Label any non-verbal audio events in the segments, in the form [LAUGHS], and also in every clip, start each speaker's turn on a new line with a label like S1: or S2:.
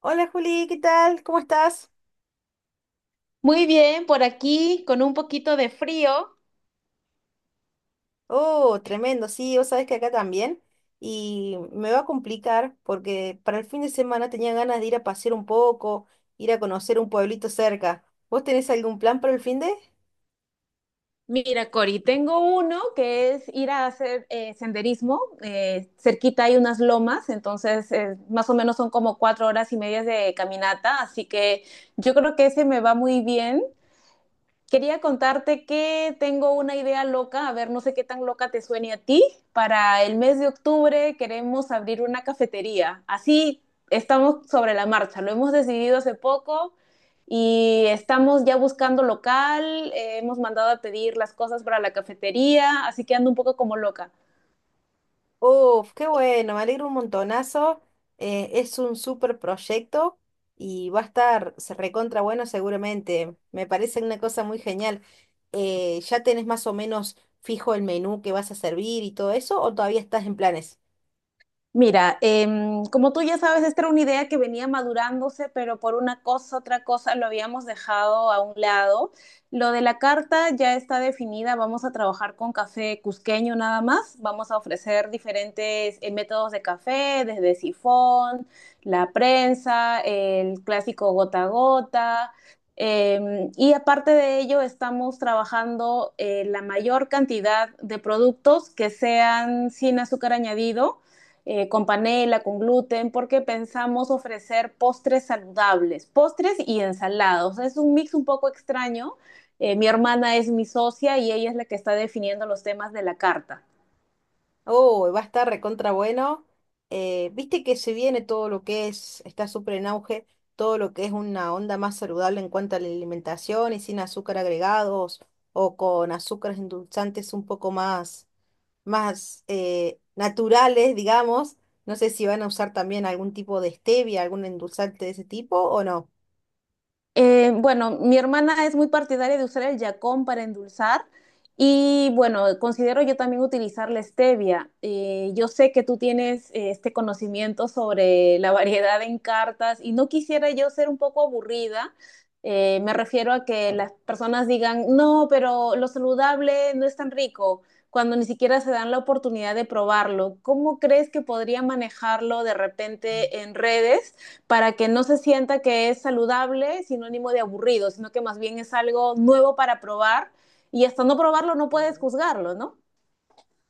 S1: Hola Juli, ¿qué tal? ¿Cómo estás?
S2: Muy bien, por aquí con un poquito de frío.
S1: Oh, tremendo, sí, vos sabés que acá también. Y me va a complicar porque para el fin de semana tenía ganas de ir a pasear un poco, ir a conocer un pueblito cerca. ¿Vos tenés algún plan para el fin de?
S2: Mira, Cori, tengo uno que es ir a hacer senderismo. Cerquita hay unas lomas, entonces más o menos son como 4 horas y medias de caminata, así que yo creo que ese me va muy bien. Quería contarte que tengo una idea loca, a ver, no sé qué tan loca te suene a ti. Para el mes de octubre queremos abrir una cafetería. Así estamos sobre la marcha, lo hemos decidido hace poco y estamos ya buscando local, hemos mandado a pedir las cosas para la cafetería, así que ando un poco como loca.
S1: Oh, qué bueno, me alegro un montonazo. Es un súper proyecto y va a estar se recontra bueno seguramente. Me parece una cosa muy genial. ¿Ya tenés más o menos fijo el menú que vas a servir y todo eso o todavía estás en planes?
S2: Mira, como tú ya sabes, esta era una idea que venía madurándose, pero por una cosa, otra cosa, lo habíamos dejado a un lado. Lo de la carta ya está definida, vamos a trabajar con café cusqueño nada más, vamos a ofrecer diferentes métodos de café, desde sifón, la prensa, el clásico gota a gota. Y aparte de ello, estamos trabajando la mayor cantidad de productos que sean sin azúcar añadido con panela, con gluten, porque pensamos ofrecer postres saludables, postres y ensalados. Es un mix un poco extraño. Mi hermana es mi socia y ella es la que está definiendo los temas de la carta.
S1: Oh, va a estar recontra bueno. Viste que se viene todo lo que es, está súper en auge, todo lo que es una onda más saludable en cuanto a la alimentación y sin azúcar agregados o con azúcares endulzantes un poco más, más naturales, digamos. No sé si van a usar también algún tipo de stevia, algún endulzante de ese tipo o no.
S2: Bueno, mi hermana es muy partidaria de usar el yacón para endulzar y bueno, considero yo también utilizar la stevia. Yo sé que tú tienes este conocimiento sobre la variedad en cartas y no quisiera yo ser un poco aburrida. Me refiero a que las personas digan, no, pero lo saludable no es tan rico, cuando ni siquiera se dan la oportunidad de probarlo. ¿Cómo crees que podría manejarlo de repente en redes? Para que no se sienta que es saludable, sinónimo de aburrido, sino que más bien es algo nuevo para probar y hasta no probarlo no puedes juzgarlo, ¿no?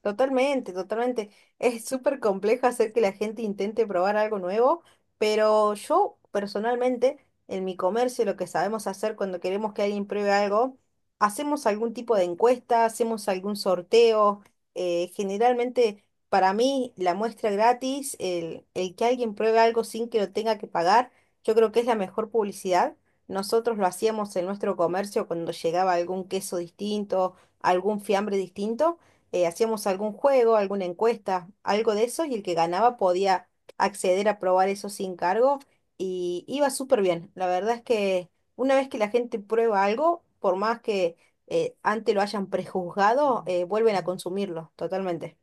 S1: Totalmente, totalmente. Es súper complejo hacer que la gente intente probar algo nuevo, pero yo personalmente, en mi comercio, lo que sabemos hacer cuando queremos que alguien pruebe algo, hacemos algún tipo de encuesta, hacemos algún sorteo. Generalmente, para mí, la muestra gratis, el que alguien pruebe algo sin que lo tenga que pagar, yo creo que es la mejor publicidad. Nosotros lo hacíamos en nuestro comercio cuando llegaba algún queso distinto, algún fiambre distinto, hacíamos algún juego, alguna encuesta, algo de eso, y el que ganaba podía acceder a probar eso sin cargo y iba súper bien. La verdad es que una vez que la gente prueba algo, por más que antes lo hayan prejuzgado, vuelven a consumirlo totalmente.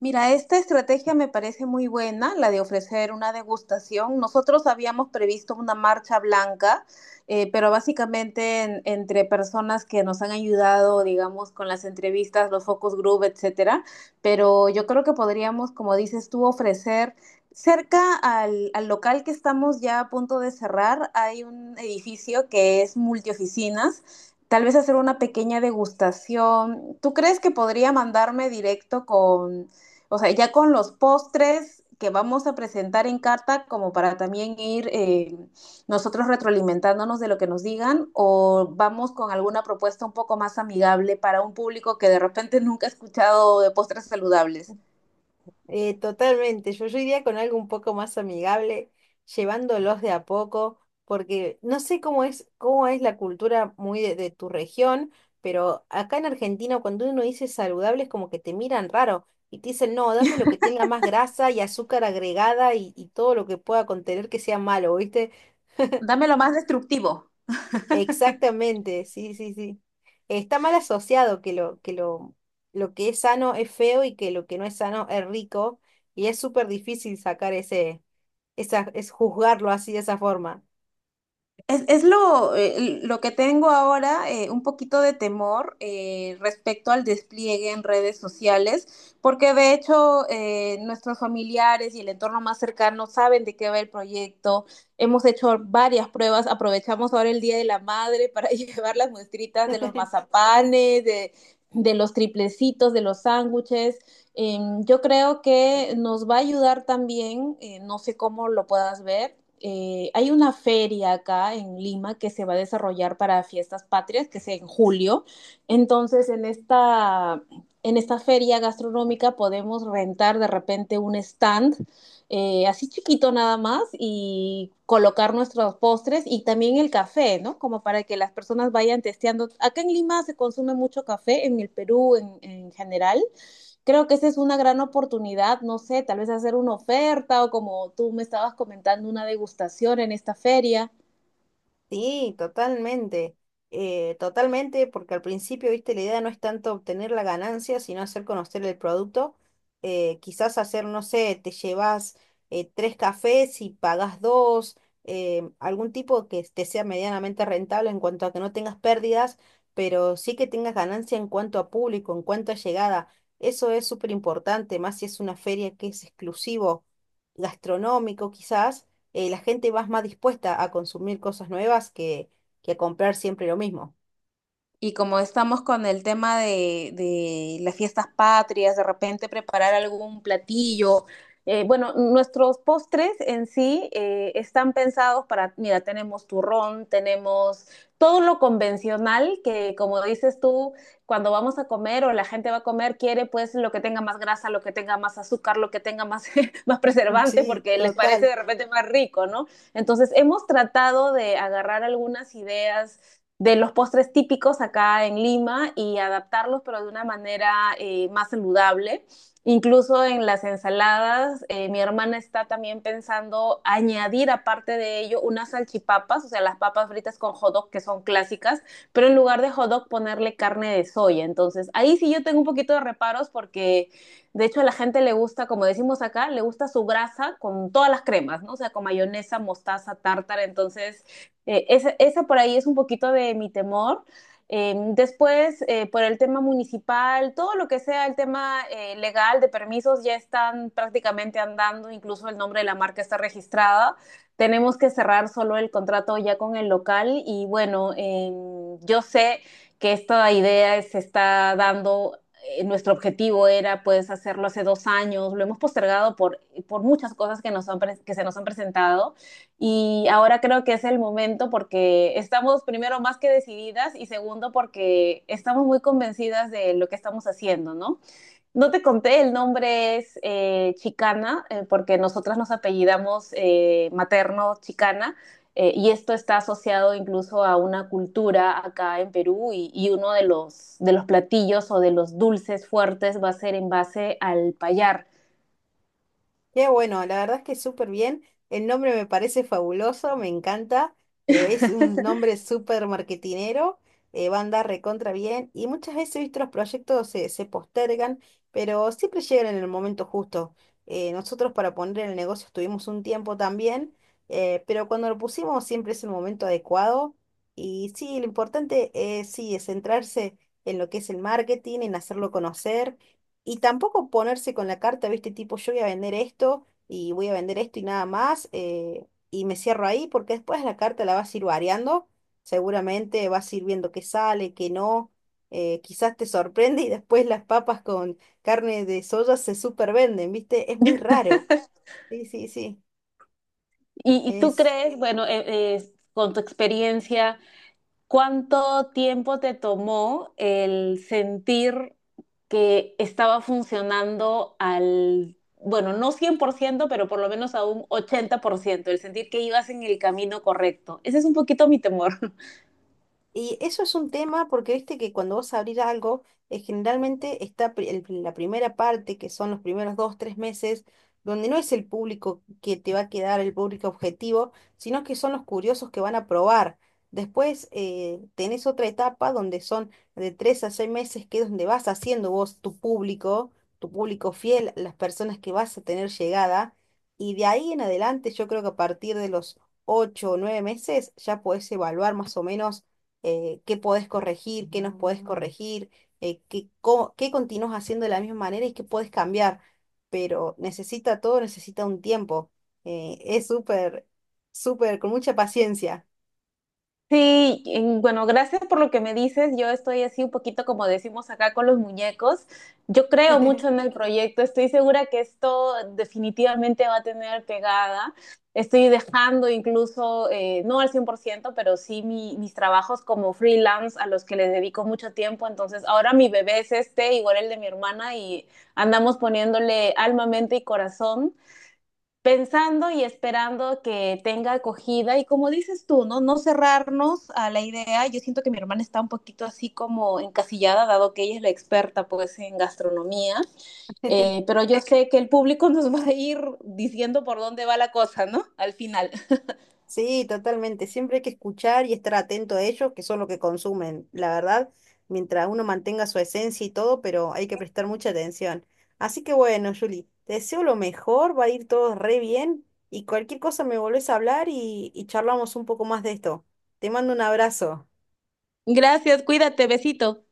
S2: Mira, esta estrategia me parece muy buena, la de ofrecer una degustación. Nosotros habíamos previsto una marcha blanca, pero básicamente entre personas que nos han ayudado, digamos, con las entrevistas, los focus group, etcétera. Pero yo creo que podríamos, como dices tú, ofrecer cerca al local que estamos ya a punto de cerrar, hay un edificio que es multioficinas. Tal vez hacer una pequeña degustación. ¿Tú crees que podría mandarme directo con o sea, ya con los postres que vamos a presentar en carta, como para también ir nosotros retroalimentándonos de lo que nos digan, o vamos con alguna propuesta un poco más amigable para un público que de repente nunca ha escuchado de postres saludables?
S1: Totalmente, yo iría con algo un poco más amigable, llevándolos de a poco, porque no sé cómo es la cultura muy de tu región, pero acá en Argentina cuando uno dice saludable es como que te miran raro y te dicen, no, dame lo que tenga más grasa y azúcar agregada y todo lo que pueda contener que sea malo, ¿viste?
S2: Dame lo más destructivo.
S1: Exactamente, sí, sí, sí. Está mal asociado que lo, lo que es sano es feo y que lo que no es sano es rico. Y es súper difícil sacar es juzgarlo así de esa forma.
S2: Lo que tengo ahora, un poquito de temor respecto al despliegue en redes sociales, porque de hecho nuestros familiares y el entorno más cercano saben de qué va el proyecto. Hemos hecho varias pruebas, aprovechamos ahora el Día de la Madre para [LAUGHS] llevar las muestritas de los mazapanes, de los triplecitos, de los sándwiches. Yo creo que nos va a ayudar también, no sé cómo lo puedas ver hay una feria acá en Lima que se va a desarrollar para fiestas patrias, que es en julio. Entonces, en esta feria gastronómica podemos rentar de repente un stand, así chiquito nada más, y colocar nuestros postres y también el café, ¿no? Como para que las personas vayan testeando. Acá en Lima se consume mucho café, en el Perú en general creo que esa es una gran oportunidad, no sé, tal vez hacer una oferta o como tú me estabas comentando, una degustación en esta feria.
S1: Sí, totalmente, totalmente, porque al principio, viste, la idea no es tanto obtener la ganancia, sino hacer conocer el producto. Quizás hacer, no sé, te llevas tres cafés y pagas dos, algún tipo que te sea medianamente rentable en cuanto a que no tengas pérdidas, pero sí que tengas ganancia en cuanto a público, en cuanto a llegada. Eso es súper importante, más si es una feria que es exclusivo gastronómico, quizás la gente va más dispuesta a consumir cosas nuevas que a comprar siempre lo mismo.
S2: Y como estamos con el tema de las fiestas patrias, de repente preparar algún platillo. Bueno, nuestros postres en sí están pensados para, mira, tenemos turrón, tenemos todo lo convencional que, como dices tú, cuando vamos a comer o la gente va a comer, quiere pues lo que tenga más grasa, lo que tenga más azúcar, lo que tenga más, [LAUGHS] más
S1: [LAUGHS]
S2: preservante,
S1: Sí,
S2: porque les parece
S1: total.
S2: de repente más rico, ¿no? Entonces, hemos tratado de agarrar algunas ideas de los postres típicos acá en Lima y adaptarlos, pero de una manera más saludable. Incluso en las ensaladas, mi hermana está también pensando añadir aparte de ello unas salchipapas, o sea, las papas fritas con hot dog que son clásicas, pero en lugar de hot dog ponerle carne de soya. Entonces, ahí sí yo tengo un poquito de reparos porque de hecho a la gente le gusta, como decimos acá, le gusta su grasa con todas las cremas, ¿no? O sea, con mayonesa, mostaza, tártara. Entonces, esa por ahí es un poquito de mi temor. Por el tema municipal, todo lo que sea el tema legal de permisos ya están prácticamente andando, incluso el nombre de la marca está registrada. Tenemos que cerrar solo el contrato ya con el local y bueno, yo sé que esta idea se está dando, nuestro objetivo era pues hacerlo hace 2 años, lo hemos postergado por muchas cosas que, nos han que se nos han presentado y ahora creo que es el momento porque estamos primero más que decididas y segundo porque estamos muy convencidas de lo que estamos haciendo, ¿no? No te conté, el nombre es Chicana porque nosotras nos apellidamos materno Chicana y esto está asociado incluso a una cultura acá en Perú y uno de los platillos o de los dulces fuertes va a ser en base al payar.
S1: Qué bueno, la verdad es que súper bien. El nombre me parece fabuloso, me encanta. Es un nombre súper marketinero, va a andar recontra bien. Y muchas veces, he visto los proyectos se postergan, pero siempre llegan en el momento justo. Nosotros para poner el negocio estuvimos un tiempo también, pero cuando lo pusimos siempre es el momento adecuado. Y sí, lo importante es, sí, es centrarse en lo que es el marketing, en hacerlo conocer y tampoco ponerse con la carta, viste, tipo, yo voy a vender esto y voy a vender esto y nada más, y me cierro ahí, porque después la carta la vas a ir variando, seguramente vas a ir viendo qué sale, qué no, quizás te sorprende y después las papas con carne de soya se supervenden, viste, es muy raro. Sí, sí,
S2: ¿Y tú
S1: sí.
S2: crees, bueno, con tu experiencia cuánto tiempo te tomó el sentir que estaba funcionando al, bueno, no 100% pero por lo menos a un 80% el sentir que ibas en el camino correcto? Ese es un poquito mi temor.
S1: Y eso es un tema porque viste que cuando vas a abrir algo, generalmente está la primera parte, que son los primeros 2, 3 meses, donde no es el público que te va a quedar, el público objetivo, sino que son los curiosos que van a probar. Después tenés otra etapa donde son de 3 a 6 meses, que es donde vas haciendo vos tu público fiel, las personas que vas a tener llegada. Y de ahí en adelante, yo creo que a partir de los 8 o 9 meses ya podés evaluar más o menos qué podés corregir, qué nos podés corregir, qué, qué continúas haciendo de la misma manera y qué podés cambiar. Pero necesita todo, necesita un tiempo. Es súper, súper, con mucha paciencia.
S2: Sí, bueno, gracias por lo que me dices. Yo estoy así un poquito como decimos acá con los muñecos. Yo creo mucho
S1: [LAUGHS]
S2: en el proyecto. Estoy segura que esto definitivamente va a tener pegada. Estoy dejando incluso, no al 100%, pero sí mis trabajos como freelance a los que les dedico mucho tiempo. Entonces, ahora mi bebé es este, igual el de mi hermana, y andamos poniéndole alma, mente y corazón pensando y esperando que tenga acogida y como dices tú, ¿no? No cerrarnos a la idea. Yo siento que mi hermana está un poquito así como encasillada, dado que ella es la experta pues en gastronomía, pero yo sé que el público [LAUGHS] nos va a ir diciendo por dónde va la cosa, ¿no? Al final. [LAUGHS]
S1: Sí, totalmente. Siempre hay que escuchar y estar atento a ellos, que son lo que consumen, la verdad, mientras uno mantenga su esencia y todo, pero hay que prestar mucha atención. Así que bueno, Juli, te deseo lo mejor, va a ir todo re bien y cualquier cosa me volvés a hablar y charlamos un poco más de esto. Te mando un abrazo.
S2: Gracias, cuídate, besito.